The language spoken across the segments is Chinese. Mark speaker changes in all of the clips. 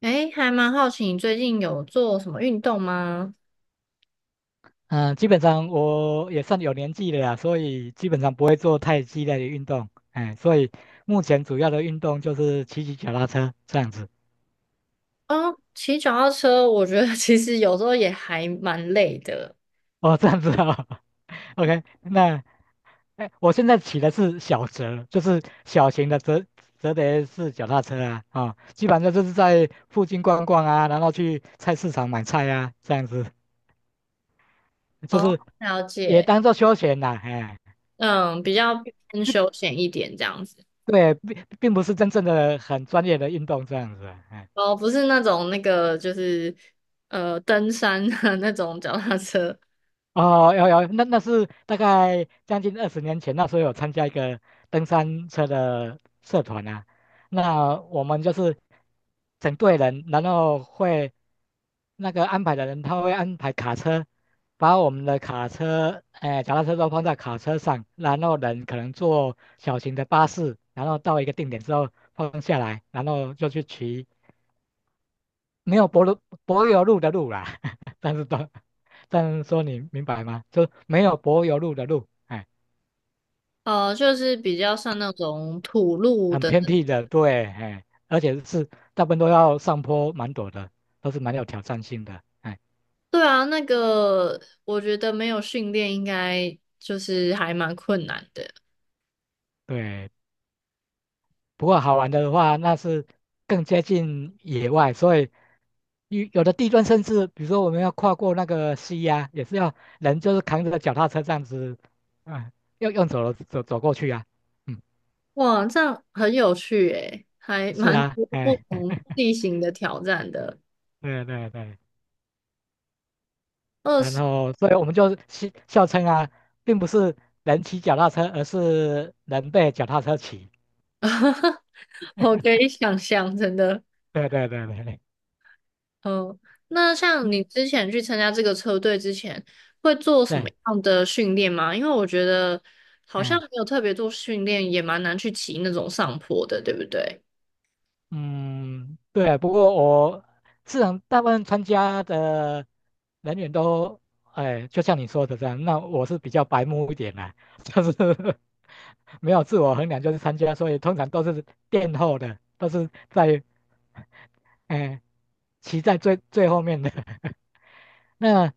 Speaker 1: 诶，还蛮好奇你最近有做什么运动吗？
Speaker 2: 嗯，基本上我也算有年纪了呀，所以基本上不会做太激烈的运动，哎，所以目前主要的运动就是骑骑脚踏车这样子。
Speaker 1: 哦，骑脚踏车，我觉得 其实有时候也还蛮累的。
Speaker 2: 哦，这样子哦 ，OK，那哎，我现在骑的是小折，就是小型的折叠式脚踏车啊，啊、哦，基本上就是在附近逛逛啊，然后去菜市场买菜啊，这样子，就
Speaker 1: 哦，
Speaker 2: 是
Speaker 1: 了
Speaker 2: 也
Speaker 1: 解。
Speaker 2: 当做休闲啦，哎，
Speaker 1: 嗯，比较偏休闲一点这样子。
Speaker 2: 对，并不是真正的很专业的运动这样子啊，哎。
Speaker 1: 哦，不是那种那个就是登山的 那种脚踏车，
Speaker 2: 哦，有有，那是大概将近二十年前，那时候有参加一个登山车的社团啊。那我们就是整队人，然后会那个安排的人，他会安排卡车，把我们的卡车，哎、脚踏车都放在卡车上，然后人可能坐小型的巴士，然后到一个定点之后放下来，然后就去骑没有柏油路的路啦，但是都，但是说你明白吗？就没有柏油路的路，哎，
Speaker 1: 就是比较像那种土路
Speaker 2: 很
Speaker 1: 的。
Speaker 2: 偏僻的，对，哎，而且是大部分都要上坡蛮陡的，都是蛮有挑战性的，哎，
Speaker 1: 对啊，那个我觉得没有训练应该就是还蛮困难的。
Speaker 2: 对。不过好玩的话，那是更接近野外，所以有的地段甚至，比如说我们要跨过那个溪呀、也是要人就是扛着脚踏车这样子，啊、要用走了走过去啊，嗯，
Speaker 1: 哇，这样很有趣诶，还
Speaker 2: 是
Speaker 1: 蛮
Speaker 2: 啊，
Speaker 1: 多不
Speaker 2: 哎，
Speaker 1: 同地形的挑战的。
Speaker 2: 对对对。
Speaker 1: 二
Speaker 2: 然
Speaker 1: 十，
Speaker 2: 后，所以我们就戏笑称啊，并不是人骑脚踏车，而是人被脚踏车骑。
Speaker 1: 我可以想象，真的。
Speaker 2: 对对对对对，
Speaker 1: 嗯，那像
Speaker 2: 嗯，
Speaker 1: 你之前去参加这个车队之前，会做什么
Speaker 2: 对，
Speaker 1: 样的训练吗？因为我觉得好像
Speaker 2: 嗯
Speaker 1: 没有特别做训练，也蛮难去骑那种上坡的，对不对？
Speaker 2: 嗯，对。不过我自然大部分参加的人员都，哎，就像你说的这样，那我是比较白目一点啦、就是没有自我衡量，就是参加，所以通常都是垫后的，都是在，哎，骑在最后面的。那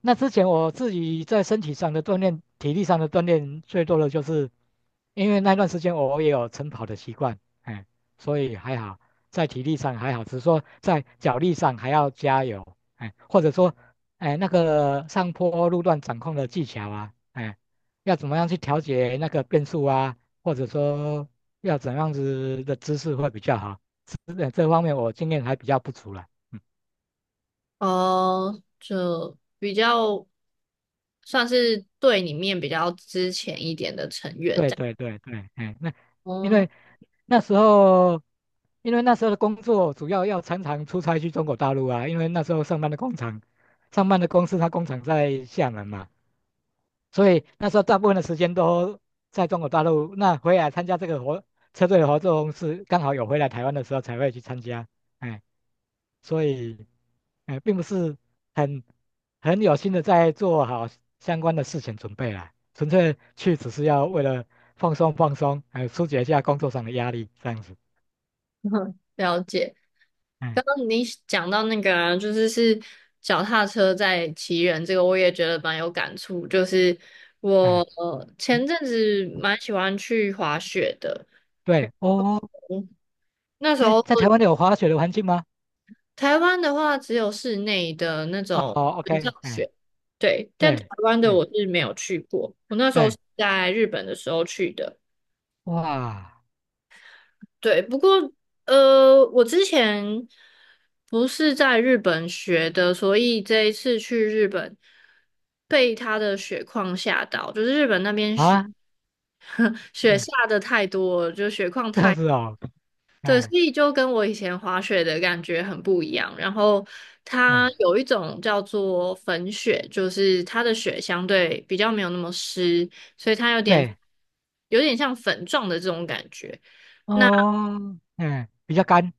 Speaker 2: 那之前我自己在身体上的锻炼、体力上的锻炼，最多的就是因为那段时间我也有晨跑的习惯，哎，所以还好，在体力上还好，只是说在脚力上还要加油，哎，或者说，哎，那个上坡路段掌控的技巧啊，哎，要怎么样去调节那个变速啊，或者说要怎样子的姿势会比较好，这方面我经验还比较不足了。嗯
Speaker 1: 哦，就比较算是队里面比较之前一点的成员
Speaker 2: 对
Speaker 1: 这样。
Speaker 2: 对对对，哎，那因
Speaker 1: 哦，
Speaker 2: 为那时候，因为那时候的工作主要要常常出差去中国大陆啊，因为那时候上班的工厂，上班的公司它工厂在厦门嘛，所以那时候大部分的时间都在中国大陆。那回来参加这个活车队的活动是刚好有回来台湾的时候才会去参加。哎，所以，哎，并不是很很有心的在做好相关的事情准备啦，纯粹去只是要为了放松放松，还有疏解一下工作上的压力这样子。
Speaker 1: 了解。
Speaker 2: 哎
Speaker 1: 刚刚你讲到那个啊，就是脚踏车在骑人这个，我也觉得蛮有感触。就是我
Speaker 2: 哎，
Speaker 1: 前
Speaker 2: 嗯，
Speaker 1: 阵子蛮喜欢去滑雪的。
Speaker 2: 对哦，
Speaker 1: 嗯，那时
Speaker 2: 哎，
Speaker 1: 候
Speaker 2: 在台湾有滑雪的环境吗？
Speaker 1: 台湾的话只有室内的那
Speaker 2: 哦
Speaker 1: 种
Speaker 2: 哦
Speaker 1: 水上
Speaker 2: ，OK,哎，
Speaker 1: 雪。对，但台
Speaker 2: 对，
Speaker 1: 湾的
Speaker 2: 嗯，
Speaker 1: 我是没有去过。我那时候是
Speaker 2: 对，
Speaker 1: 在日本的时候去的。
Speaker 2: 哇
Speaker 1: 对，不过我之前不是在日本学的，所以这一次去日本被它的雪况吓到，就是日本那边雪
Speaker 2: 啊。
Speaker 1: 雪
Speaker 2: 哎
Speaker 1: 下的太多了，就雪况
Speaker 2: 这样
Speaker 1: 太，
Speaker 2: 子哦，
Speaker 1: 对，
Speaker 2: 哎
Speaker 1: 所以就跟我以前滑雪的感觉很不一样。然后它
Speaker 2: 哎，
Speaker 1: 有一种叫做粉雪，就是它的雪相对比较没有那么湿，所以它有点
Speaker 2: 对，
Speaker 1: 有点像粉状的这种感觉。那
Speaker 2: 哦，哎，比较干，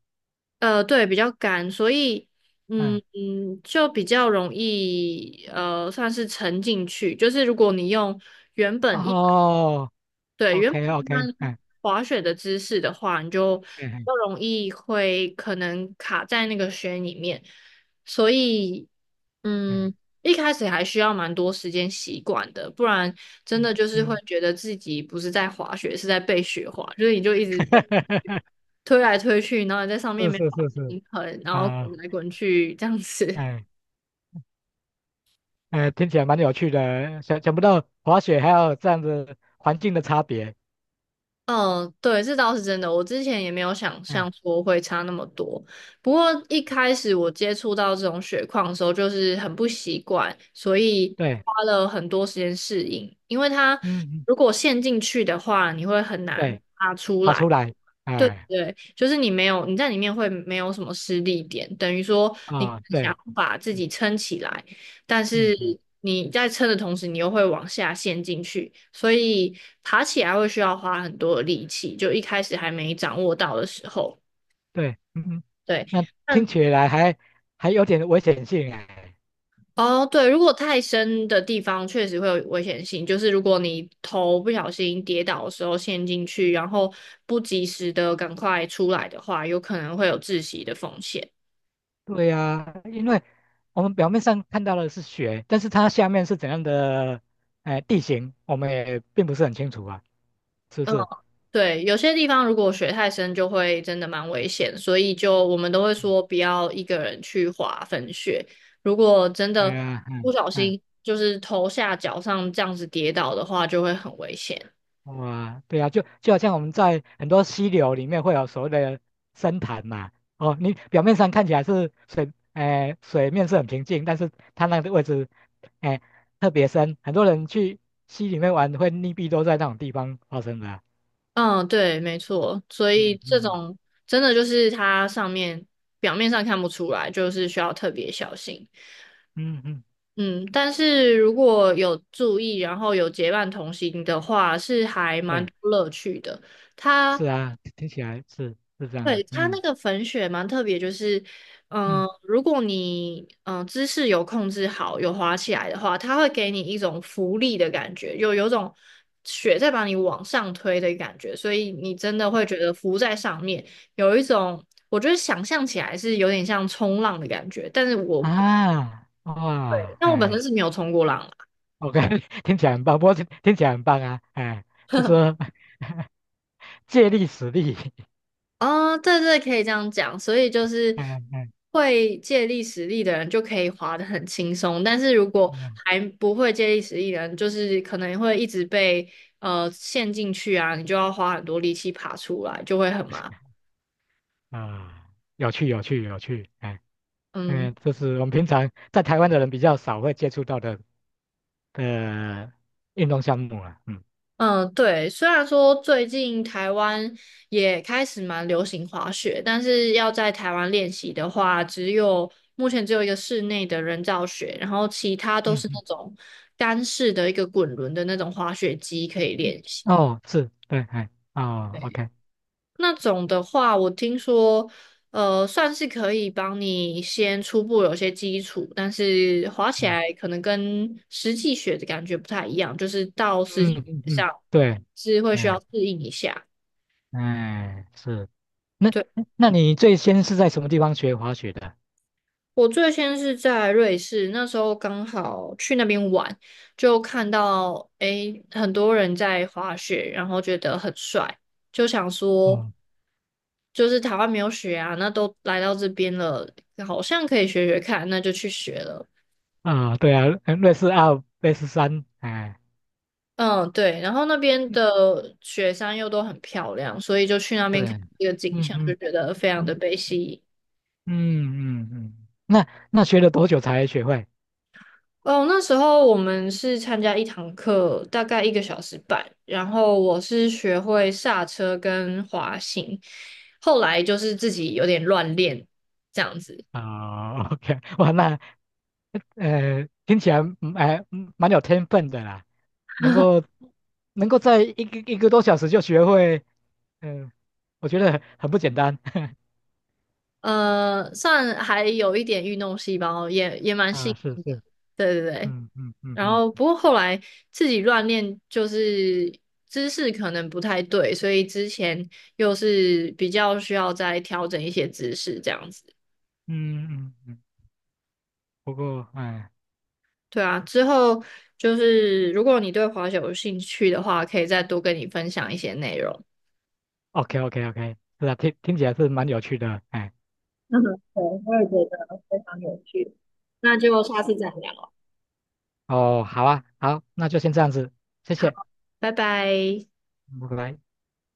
Speaker 1: 对，比较干，所以嗯
Speaker 2: 嗯，
Speaker 1: 嗯，就比较容易算是沉进去。就是如果你用原本一
Speaker 2: 哦
Speaker 1: 对，原
Speaker 2: ，OK
Speaker 1: 本一
Speaker 2: OK,
Speaker 1: 般
Speaker 2: 嗯
Speaker 1: 滑雪的姿势的话，你就比
Speaker 2: 嗯
Speaker 1: 较容易会可能卡在那个雪里面。所以
Speaker 2: 嗯
Speaker 1: 嗯，一开始还需要蛮多时间习惯的，不然真
Speaker 2: 嗯
Speaker 1: 的就是会
Speaker 2: 嗯，
Speaker 1: 觉得自己不是在滑雪，是在被雪滑，就是你就一直被。推来推去，然后你在上面
Speaker 2: 是
Speaker 1: 没办
Speaker 2: 是
Speaker 1: 法
Speaker 2: 是是，
Speaker 1: 平衡，然后滚
Speaker 2: 啊，
Speaker 1: 来滚去这样子。
Speaker 2: 哎哎，听起来蛮有趣的，想不到滑雪还有这样子环境的差别，
Speaker 1: 嗯，对，这倒是真的。我之前也没有想
Speaker 2: 哎，
Speaker 1: 象说会差那么多。不过一开始我接触到这种雪况的时候，就是很不习惯，所以
Speaker 2: 对，
Speaker 1: 花了很多时间适应。因为它
Speaker 2: 嗯嗯，
Speaker 1: 如果陷进去的话，你会很难
Speaker 2: 对，
Speaker 1: 爬出
Speaker 2: 爬
Speaker 1: 来。
Speaker 2: 出来，
Speaker 1: 对
Speaker 2: 哎，
Speaker 1: 对，就是你没有你在里面会没有什么失力点，等于说你
Speaker 2: 啊，
Speaker 1: 想
Speaker 2: 对，
Speaker 1: 要把自
Speaker 2: 嗯
Speaker 1: 己撑起来，但
Speaker 2: 嗯
Speaker 1: 是
Speaker 2: 嗯，
Speaker 1: 你在撑的同时，你又会往下陷进去，所以爬起来会需要花很多的力气，就一开始还没掌握到的时候，
Speaker 2: 对，嗯嗯，
Speaker 1: 对。
Speaker 2: 那听
Speaker 1: 但
Speaker 2: 起来还还有点危险性哎，
Speaker 1: 哦，对，如果太深的地方确实会有危险性，就是如果你头不小心跌倒的时候陷进去，然后不及时的赶快出来的话，有可能会有窒息的风险。
Speaker 2: 对呀，因为我们表面上看到的是雪，但是它下面是怎样的哎地形，我们也并不是很清楚啊，是不
Speaker 1: 嗯。
Speaker 2: 是？
Speaker 1: 对，有些地方如果水太深，就会真的蛮危险，所以就我们都会说不要一个人去滑粉雪。如果真
Speaker 2: 对
Speaker 1: 的
Speaker 2: 呀，
Speaker 1: 不
Speaker 2: 嗯
Speaker 1: 小
Speaker 2: 嗯，
Speaker 1: 心就是头下脚上这样子跌倒的话，就会很危险。
Speaker 2: 哇，对呀，就好像我们在很多溪流里面会有所谓的深潭嘛，哦，你表面上看起来是水，哎、水面是很平静，但是它那个位置，哎、特别深，很多人去溪里面玩会溺毙都在那种地方发生的啊
Speaker 1: 嗯，对，没错。所以
Speaker 2: 嗯
Speaker 1: 这
Speaker 2: 嗯
Speaker 1: 种真的就是它上面表面上看不出来，就是需要特别小心。
Speaker 2: 嗯嗯，嗯
Speaker 1: 嗯，但是如果有注意，然后有结伴同行的话，是还蛮
Speaker 2: 对。
Speaker 1: 多乐趣的。它
Speaker 2: 是啊，听起来是是这样的，
Speaker 1: 对，它
Speaker 2: 嗯
Speaker 1: 那个粉雪蛮特别，就是，嗯、
Speaker 2: 嗯
Speaker 1: 如果你姿势有控制好，有滑起来的话，它会给你一种浮力的感觉，有种雪在把你往上推的感觉，所以你真的会觉得浮在上面，有一种我觉得想象起来是有点像冲浪的感觉，但是我
Speaker 2: 啊，哇，
Speaker 1: 但我本
Speaker 2: 哎
Speaker 1: 身是没有冲过浪啊。
Speaker 2: ，OK,听起来很棒，不过听起来很棒啊，哎，就是借力使力，
Speaker 1: 哦，对对，可以这样讲。所以就是
Speaker 2: 哎哎
Speaker 1: 会借力使力的人就可以滑得很轻松，但是如果
Speaker 2: 嗯
Speaker 1: 还不会借力使力的人，就是可能会一直被陷进去啊，你就要花很多力气爬出来，就会很麻烦。
Speaker 2: 啊，有趣有趣有趣，哎
Speaker 1: 嗯。
Speaker 2: 嗯，这是我们平常在台湾的人比较少会接触到的的运动项目啊，嗯
Speaker 1: 嗯，对，虽然说最近台湾也开始蛮流行滑雪，但是要在台湾练习的话，只有目前只有一个室内的人造雪，然后其他都
Speaker 2: 嗯
Speaker 1: 是那
Speaker 2: 嗯，
Speaker 1: 种干式的一个滚轮的那种滑雪机可以练习。
Speaker 2: 哦，是对，哎哦
Speaker 1: 对，
Speaker 2: ，OK,
Speaker 1: 那种的话，我听说，算是可以帮你先初步有些基础，但是滑起
Speaker 2: 嗯
Speaker 1: 来可能跟实际雪的感觉不太一样，就是到实
Speaker 2: 嗯
Speaker 1: 际
Speaker 2: 嗯
Speaker 1: 雪
Speaker 2: 嗯，
Speaker 1: 上
Speaker 2: 对，
Speaker 1: 是会需要
Speaker 2: 嗯。
Speaker 1: 适应一下。
Speaker 2: 哎，是。那
Speaker 1: 对，
Speaker 2: 那你最先是在什么地方学滑雪的？
Speaker 1: 我最先是在瑞士，那时候刚好去那边玩，就看到诶很多人在滑雪，然后觉得很帅，就想说
Speaker 2: 嗯
Speaker 1: 就是台湾没有雪啊，那都来到这边了，好像可以学学看，那就去学了。
Speaker 2: 啊，对啊，瑞士二、瑞士三，哎，
Speaker 1: 嗯，对，然后那边
Speaker 2: 嗯
Speaker 1: 的雪山又都很漂亮，所以就去那边
Speaker 2: 对，
Speaker 1: 看这个景
Speaker 2: 嗯
Speaker 1: 象，就
Speaker 2: 嗯
Speaker 1: 觉得非常的
Speaker 2: 嗯
Speaker 1: 被吸引。
Speaker 2: 嗯嗯嗯，那那学了多久才学会？
Speaker 1: 哦，那时候我们是参加一堂课，大概1个小时半，然后我是学会刹车跟滑行，后来就是自己有点乱练这样子。
Speaker 2: 啊，OK,哇，那听起来蛮有天分的啦，能够 能够在一个多小时就学会，嗯、我觉得很不简单。
Speaker 1: 算还有一点运动细胞，也蛮
Speaker 2: 啊，
Speaker 1: 幸
Speaker 2: 是
Speaker 1: 运的，
Speaker 2: 是，
Speaker 1: 对对对。
Speaker 2: 嗯嗯嗯
Speaker 1: 然
Speaker 2: 嗯。
Speaker 1: 后不过后来自己乱练，就是姿势可能不太对，所以之前又是比较需要再调整一些姿势这样子。
Speaker 2: 嗯嗯嗯，不过哎
Speaker 1: 对啊，之后就是如果你对滑雪有兴趣的话，可以再多跟你分享一些内容。
Speaker 2: ，OK OK OK,是啊，听起来是蛮有趣的，哎，
Speaker 1: 嗯，对，我也觉得非常有趣。那就下次再聊。
Speaker 2: 哦，好啊，好，那就先这样子，谢
Speaker 1: 好，
Speaker 2: 谢，
Speaker 1: 拜拜。
Speaker 2: 拜拜。